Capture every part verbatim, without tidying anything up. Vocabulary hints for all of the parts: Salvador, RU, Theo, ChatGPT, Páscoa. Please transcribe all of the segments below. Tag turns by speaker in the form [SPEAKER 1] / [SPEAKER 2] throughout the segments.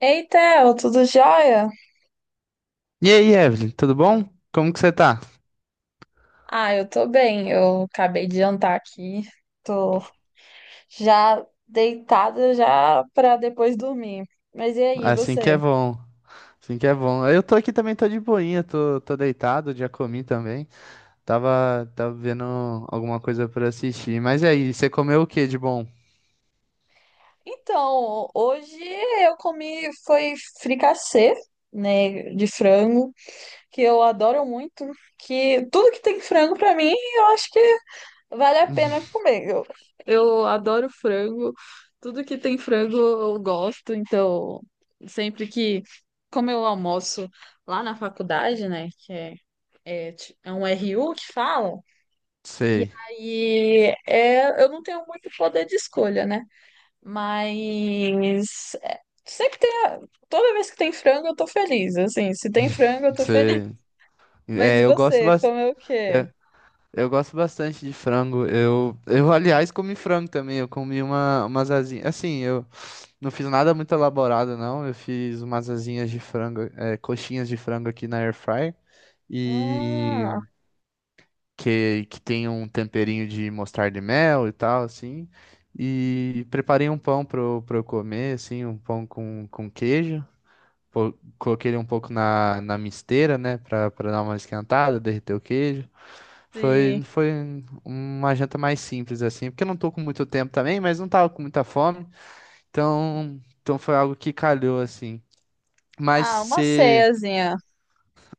[SPEAKER 1] Ei, Theo, tudo jóia?
[SPEAKER 2] E aí, Evelyn, tudo bom? Como que você tá?
[SPEAKER 1] Ah, eu tô bem. Eu acabei de jantar aqui. Tô já deitada já pra depois dormir. Mas e aí,
[SPEAKER 2] Assim que é
[SPEAKER 1] você?
[SPEAKER 2] bom. Assim que é bom. Eu tô aqui também, tô de boinha, tô, tô deitado, já comi também. Tava, tava vendo alguma coisa pra assistir. Mas e aí, você comeu o que de bom?
[SPEAKER 1] Então, hoje eu comi foi fricassê, né, de frango, que eu adoro muito, que tudo que tem frango pra mim, eu acho que vale a pena comer. Eu, eu adoro frango. Tudo que tem frango eu gosto. Então, sempre que. Como eu almoço lá na faculdade, né? Que é, é, ti- é um R U que fala. E
[SPEAKER 2] Sei,
[SPEAKER 1] aí é, eu não tenho muito poder de escolha, né? Mas. É, sempre tem. a- Toda vez que tem frango, eu tô feliz. Assim, se tem frango, eu tô feliz.
[SPEAKER 2] sei.
[SPEAKER 1] Mas
[SPEAKER 2] É,
[SPEAKER 1] e
[SPEAKER 2] eu gosto
[SPEAKER 1] você?
[SPEAKER 2] bastante.
[SPEAKER 1] Comeu o quê?
[SPEAKER 2] Eu gosto bastante de frango. Eu, eu, aliás, comi frango também. Eu comi uma, umas asinhas. Assim, eu não fiz nada muito elaborado, não. Eu fiz umas asinhas de frango, é, coxinhas de frango aqui na air fryer. E
[SPEAKER 1] Ah,
[SPEAKER 2] que, que tem um temperinho de mostarda e mel e tal, assim. E preparei um pão para eu pra eu comer, assim, um pão com, com queijo. Pô, coloquei ele um pouco na, na misteira, né, para dar uma esquentada, derreter o queijo.
[SPEAKER 1] sim.
[SPEAKER 2] Foi, foi uma janta mais simples, assim, porque eu não tô com muito tempo também, mas não tava com muita fome. Então, então foi algo que calhou, assim. Mas
[SPEAKER 1] Ah, uma
[SPEAKER 2] você.
[SPEAKER 1] ceiazinha.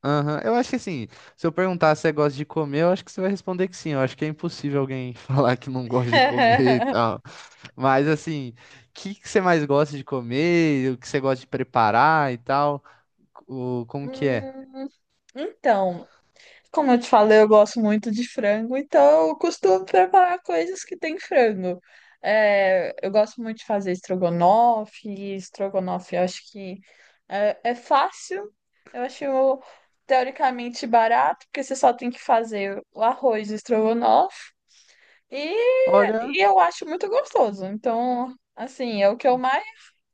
[SPEAKER 2] Aham. Eu acho que, assim, se eu perguntar se você gosta de comer, eu acho que você vai responder que sim. Eu acho que é impossível alguém falar que não gosta de comer e tal. Mas assim, o que que você mais gosta de comer? O que você gosta de preparar e tal? O, como que é?
[SPEAKER 1] Hum, então, como eu te falei, eu gosto muito de frango, então eu costumo preparar coisas que tem frango. É, eu gosto muito de fazer estrogonofe, e estrogonofe eu acho que é, é fácil, eu acho teoricamente barato, porque você só tem que fazer o arroz e o estrogonofe, e,
[SPEAKER 2] Olha,
[SPEAKER 1] e eu acho muito gostoso. Então, assim, é o que eu mais,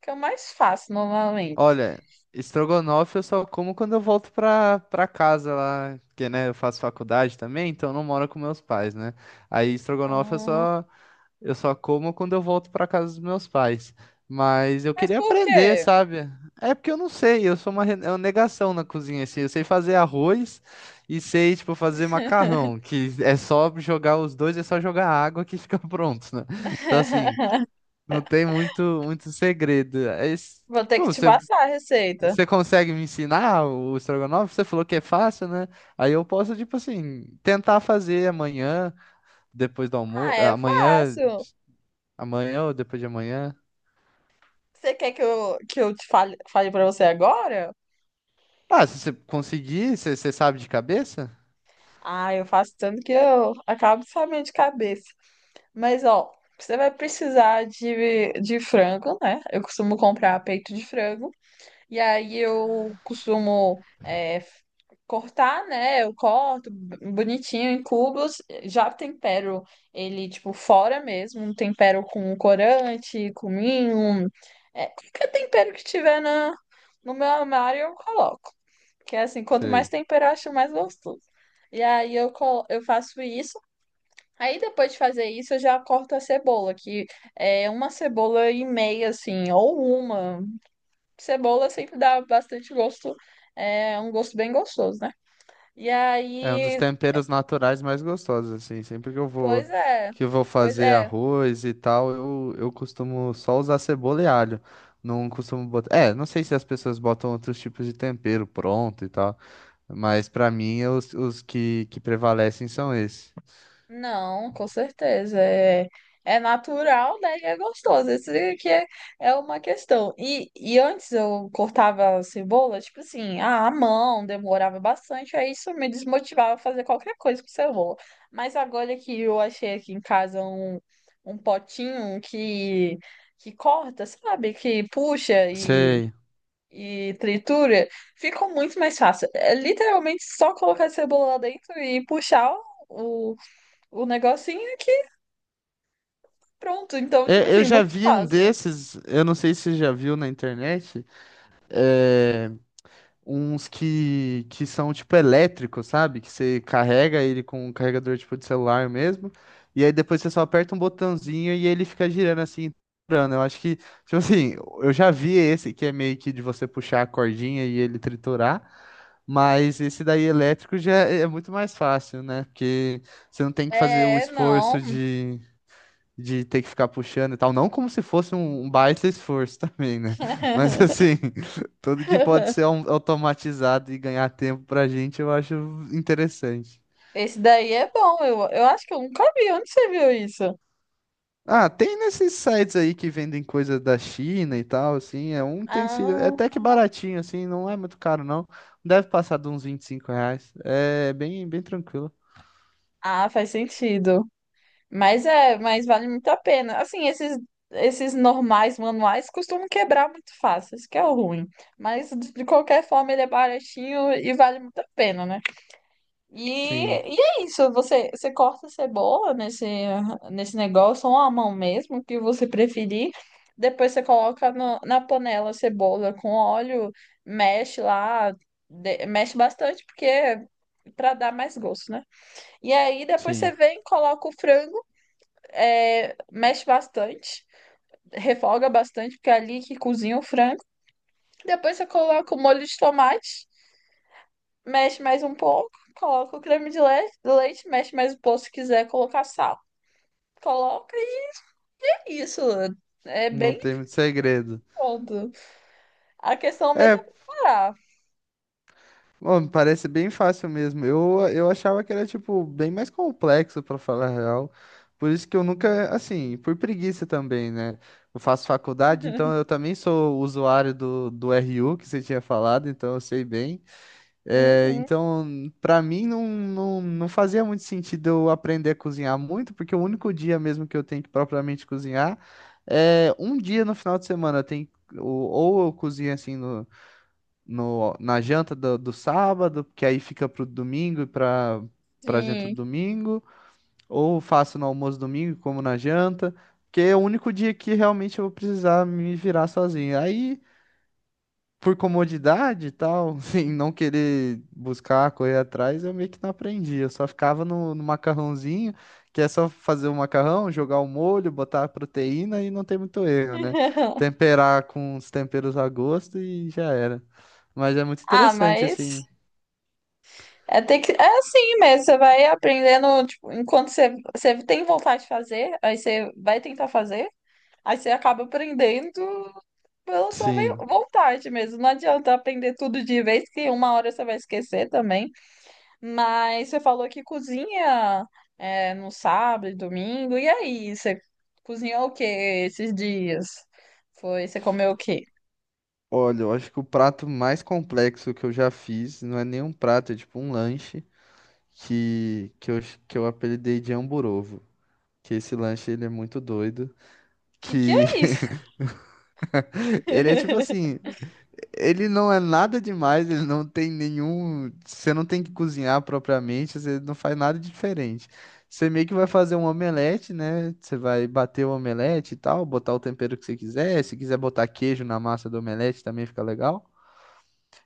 [SPEAKER 1] que eu mais faço normalmente.
[SPEAKER 2] olha, estrogonofe eu só como quando eu volto pra, pra casa lá, porque, né, eu faço faculdade também, então eu não moro com meus pais, né? Aí estrogonofe eu
[SPEAKER 1] Ah,
[SPEAKER 2] só. Eu só como quando eu volto para casa dos meus pais. Mas eu
[SPEAKER 1] mas
[SPEAKER 2] queria
[SPEAKER 1] por
[SPEAKER 2] aprender,
[SPEAKER 1] quê?
[SPEAKER 2] sabe? É porque eu não sei, eu sou uma, re- é uma negação na cozinha, assim. Eu sei fazer arroz e sei, tipo, fazer macarrão, que é só jogar os dois, é só jogar água que fica pronto, né? Então, assim, não tem muito, muito segredo. É isso.
[SPEAKER 1] Vou ter
[SPEAKER 2] Pô,
[SPEAKER 1] que te
[SPEAKER 2] você,
[SPEAKER 1] passar a receita.
[SPEAKER 2] você consegue me ensinar o estrogonofe? Você falou que é fácil, né? Aí eu posso, tipo assim, tentar fazer amanhã, depois do almoço,
[SPEAKER 1] Ah, é
[SPEAKER 2] amanhã.
[SPEAKER 1] fácil.
[SPEAKER 2] Amanhã ou depois de amanhã?
[SPEAKER 1] Você quer que eu, que eu te fale, fale para você agora?
[SPEAKER 2] Ah, se você conseguir, você você sabe de cabeça?
[SPEAKER 1] Ah, eu faço tanto que eu acabo de sabendo de cabeça. Mas, ó, você vai precisar de, de frango, né? Eu costumo comprar peito de frango. E aí eu costumo é, f- cortar, né? Eu corto bonitinho em cubos, já tempero ele, tipo, fora mesmo, um tempero com corante, cominho, é, qualquer tempero que tiver na, no meu armário eu coloco. Que é assim, quanto mais
[SPEAKER 2] Sei.
[SPEAKER 1] tempero, eu acho mais gostoso. E aí eu, colo- eu faço isso. Aí depois de fazer isso, eu já corto a cebola, que é uma cebola e meia, assim, ou uma. Cebola sempre dá bastante gosto, é um gosto bem gostoso, né? E
[SPEAKER 2] É um dos
[SPEAKER 1] aí,
[SPEAKER 2] temperos naturais mais gostosos, assim. Sempre que eu vou,
[SPEAKER 1] pois é,
[SPEAKER 2] que eu vou
[SPEAKER 1] pois
[SPEAKER 2] fazer
[SPEAKER 1] é.
[SPEAKER 2] arroz e tal, eu, eu costumo só usar cebola e alho. Não costumo botar. É, não sei se as pessoas botam outros tipos de tempero pronto e tal, mas pra mim os, os que, que prevalecem são esses.
[SPEAKER 1] Não, com certeza. É, é natural, né? E é gostoso. Isso que é, é uma questão. E, e antes eu cortava a cebola, tipo assim, ah, à mão, demorava bastante. Aí isso me desmotivava a fazer qualquer coisa com cebola. Mas agora que eu achei aqui em casa um, um potinho que, que corta, sabe? Que puxa e
[SPEAKER 2] Sei.
[SPEAKER 1] e tritura, ficou muito mais fácil. É literalmente só colocar a cebola lá dentro e puxar o, o negocinho aqui, pronto. Então,
[SPEAKER 2] Eu
[SPEAKER 1] tipo
[SPEAKER 2] eu
[SPEAKER 1] assim,
[SPEAKER 2] já
[SPEAKER 1] muito
[SPEAKER 2] vi um
[SPEAKER 1] fácil.
[SPEAKER 2] desses, eu não sei se você já viu na internet. É, uns que, que são tipo elétricos, sabe? Que você carrega ele com um carregador tipo de celular mesmo, e aí depois você só aperta um botãozinho e ele fica girando assim, triturando. Eu acho que, tipo assim, eu já vi esse que é meio que de você puxar a cordinha e ele triturar, mas esse daí elétrico já é é muito mais fácil, né? Porque você não tem que fazer o
[SPEAKER 1] É,
[SPEAKER 2] esforço
[SPEAKER 1] não.
[SPEAKER 2] de ter que ficar puxando e tal. Não como se fosse um, um baita esforço também, né? Mas assim, tudo que pode ser au- automatizado e ganhar tempo pra gente, eu acho interessante.
[SPEAKER 1] Esse daí é bom. Eu, eu acho que eu nunca vi. Onde você viu isso?
[SPEAKER 2] Ah, tem nesses sites aí que vendem coisa da China e tal, assim, é um utensílio, é
[SPEAKER 1] Ah,
[SPEAKER 2] até que baratinho, assim, não é muito caro, não. Deve passar de uns vinte e cinco reais. É bem, bem tranquilo.
[SPEAKER 1] ah, faz sentido. Mas é, mas vale muito a pena. Assim, esses esses normais manuais costumam quebrar muito fácil, isso que é o ruim. Mas de de qualquer forma ele é baratinho e vale muito a pena, né? E,
[SPEAKER 2] Sim,
[SPEAKER 1] e é isso, você, você corta a cebola nesse, nesse negócio, ou a mão mesmo, o que você preferir. Depois você coloca no- na panela a cebola com óleo, mexe lá, de- mexe bastante, porque para dar mais gosto, né? E aí depois você
[SPEAKER 2] sim.
[SPEAKER 1] vem, coloca o frango, é, mexe bastante, refoga bastante, porque é ali que cozinha o frango. Depois você coloca o molho de tomate, mexe mais um pouco, coloca o creme de le- leite, mexe mais um pouco se quiser colocar sal. Coloca e é isso. É
[SPEAKER 2] Não
[SPEAKER 1] bem
[SPEAKER 2] tem muito segredo.
[SPEAKER 1] foda. A questão mesmo
[SPEAKER 2] É,
[SPEAKER 1] é preparar.
[SPEAKER 2] bom, parece bem fácil mesmo. Eu, eu achava que era, tipo, bem mais complexo, pra falar a real. Por isso que eu nunca, assim, por preguiça também, né? Eu faço faculdade, então eu também sou usuário do, do R U, que você tinha falado, então eu sei bem. É,
[SPEAKER 1] Uhum,
[SPEAKER 2] então, pra mim, não, não, não fazia muito sentido eu aprender a cozinhar muito, porque o único dia mesmo que eu tenho que propriamente cozinhar é um dia no final de semana. Eu tenho, que- ou, ou eu cozinho, assim, no no, na janta do, do sábado, que aí fica pro domingo e pra, pra janta do
[SPEAKER 1] sim.
[SPEAKER 2] domingo, ou faço no almoço domingo, e como na janta, que é o único dia que realmente eu vou precisar me virar sozinho. Aí por comodidade e tal, em não querer buscar, correr atrás, eu meio que não aprendi. Eu só ficava no, no macarrãozinho, que é só fazer o macarrão, jogar o molho, botar a proteína e não tem muito erro, né? Temperar com os temperos a gosto e já era. Mas é muito
[SPEAKER 1] Ah,
[SPEAKER 2] interessante, assim.
[SPEAKER 1] mas é, ter que, é assim mesmo. Você vai aprendendo, tipo, enquanto você, você tem vontade de fazer, aí você vai tentar fazer, aí você acaba aprendendo pela sua ve-
[SPEAKER 2] Sim.
[SPEAKER 1] vontade mesmo. Não adianta aprender tudo de vez, que uma hora você vai esquecer também. Mas você falou que cozinha é, no sábado e domingo. E aí, você cozinhou o que esses dias? Foi, você comeu o quê?
[SPEAKER 2] Olha, eu acho que o prato mais complexo que eu já fiz não é nem um prato, é tipo um lanche que, que, eu, que eu apelidei de Hamburovo. Que esse lanche ele é muito doido.
[SPEAKER 1] Que que
[SPEAKER 2] Que
[SPEAKER 1] é isso?
[SPEAKER 2] ele é tipo assim, ele não é nada demais, ele não tem nenhum. Você não tem que cozinhar propriamente, você não faz nada diferente. Você meio que vai fazer um omelete, né? Você vai bater o omelete e tal, botar o tempero que você quiser. Se quiser botar queijo na massa do omelete também fica legal.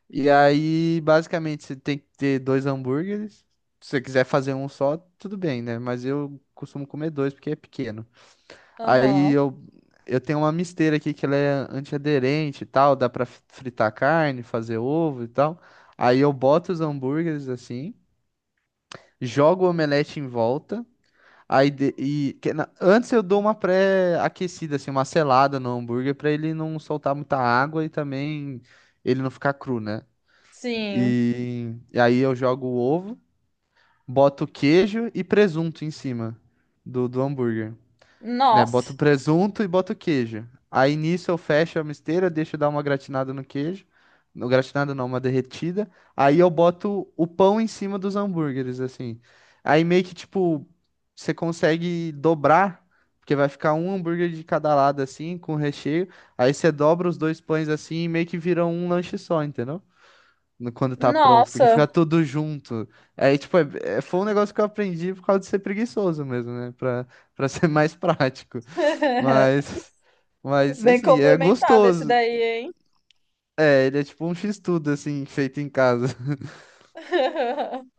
[SPEAKER 2] E aí, basicamente, você tem que ter dois hambúrgueres. Se você quiser fazer um só, tudo bem, né? Mas eu costumo comer dois porque é pequeno. Aí
[SPEAKER 1] Aham,
[SPEAKER 2] eu, eu tenho uma misteira aqui que ela é antiaderente e tal, dá pra fi- fritar carne, fazer ovo e tal. Aí eu boto os hambúrgueres assim, jogo o omelete em volta. Aí de- e que na- antes eu dou uma pré-aquecida assim, uma selada no hambúrguer pra ele não soltar muita água e também ele não ficar cru, né?
[SPEAKER 1] sim.
[SPEAKER 2] E, e aí eu jogo o ovo, boto queijo e presunto em cima do, do hambúrguer. Né? Boto
[SPEAKER 1] Nossa,
[SPEAKER 2] o presunto e boto o queijo. Aí nisso eu fecho a misteira, deixo dar uma gratinada no queijo. No gratinada não, uma derretida. Aí eu boto o pão em cima dos hambúrgueres, assim. Aí meio que tipo, você consegue dobrar, porque vai ficar um hambúrguer de cada lado, assim, com recheio. Aí você dobra os dois pães assim e meio que vira um lanche só, entendeu? No- quando tá pronto, porque
[SPEAKER 1] nossa.
[SPEAKER 2] fica tudo junto. Aí, tipo, é- é- foi um negócio que eu aprendi por causa de ser preguiçoso mesmo, né? Pra, pra ser mais prático. Mas, mas,
[SPEAKER 1] Bem
[SPEAKER 2] assim, é
[SPEAKER 1] complementado esse
[SPEAKER 2] gostoso.
[SPEAKER 1] daí, hein?
[SPEAKER 2] É, ele é tipo um x-tudo, assim, feito em casa.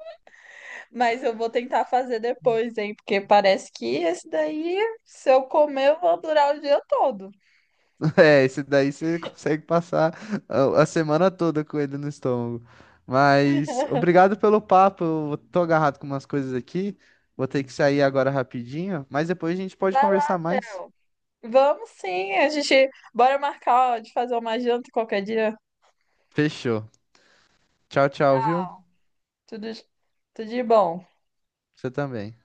[SPEAKER 1] Mas eu vou tentar fazer depois, hein? Porque parece que esse daí, se eu comer, eu vou durar o dia todo.
[SPEAKER 2] É, esse daí você consegue passar a, a semana toda com ele no estômago. Mas obrigado pelo papo. Eu tô agarrado com umas coisas aqui. Vou ter que sair agora rapidinho, mas depois a gente pode
[SPEAKER 1] Vai lá,
[SPEAKER 2] conversar mais.
[SPEAKER 1] Theo. Vamos sim, a gente bora marcar ó, de fazer uma janta qualquer dia.
[SPEAKER 2] Fechou. Tchau, tchau, viu?
[SPEAKER 1] Tudo, tudo de bom.
[SPEAKER 2] Você também.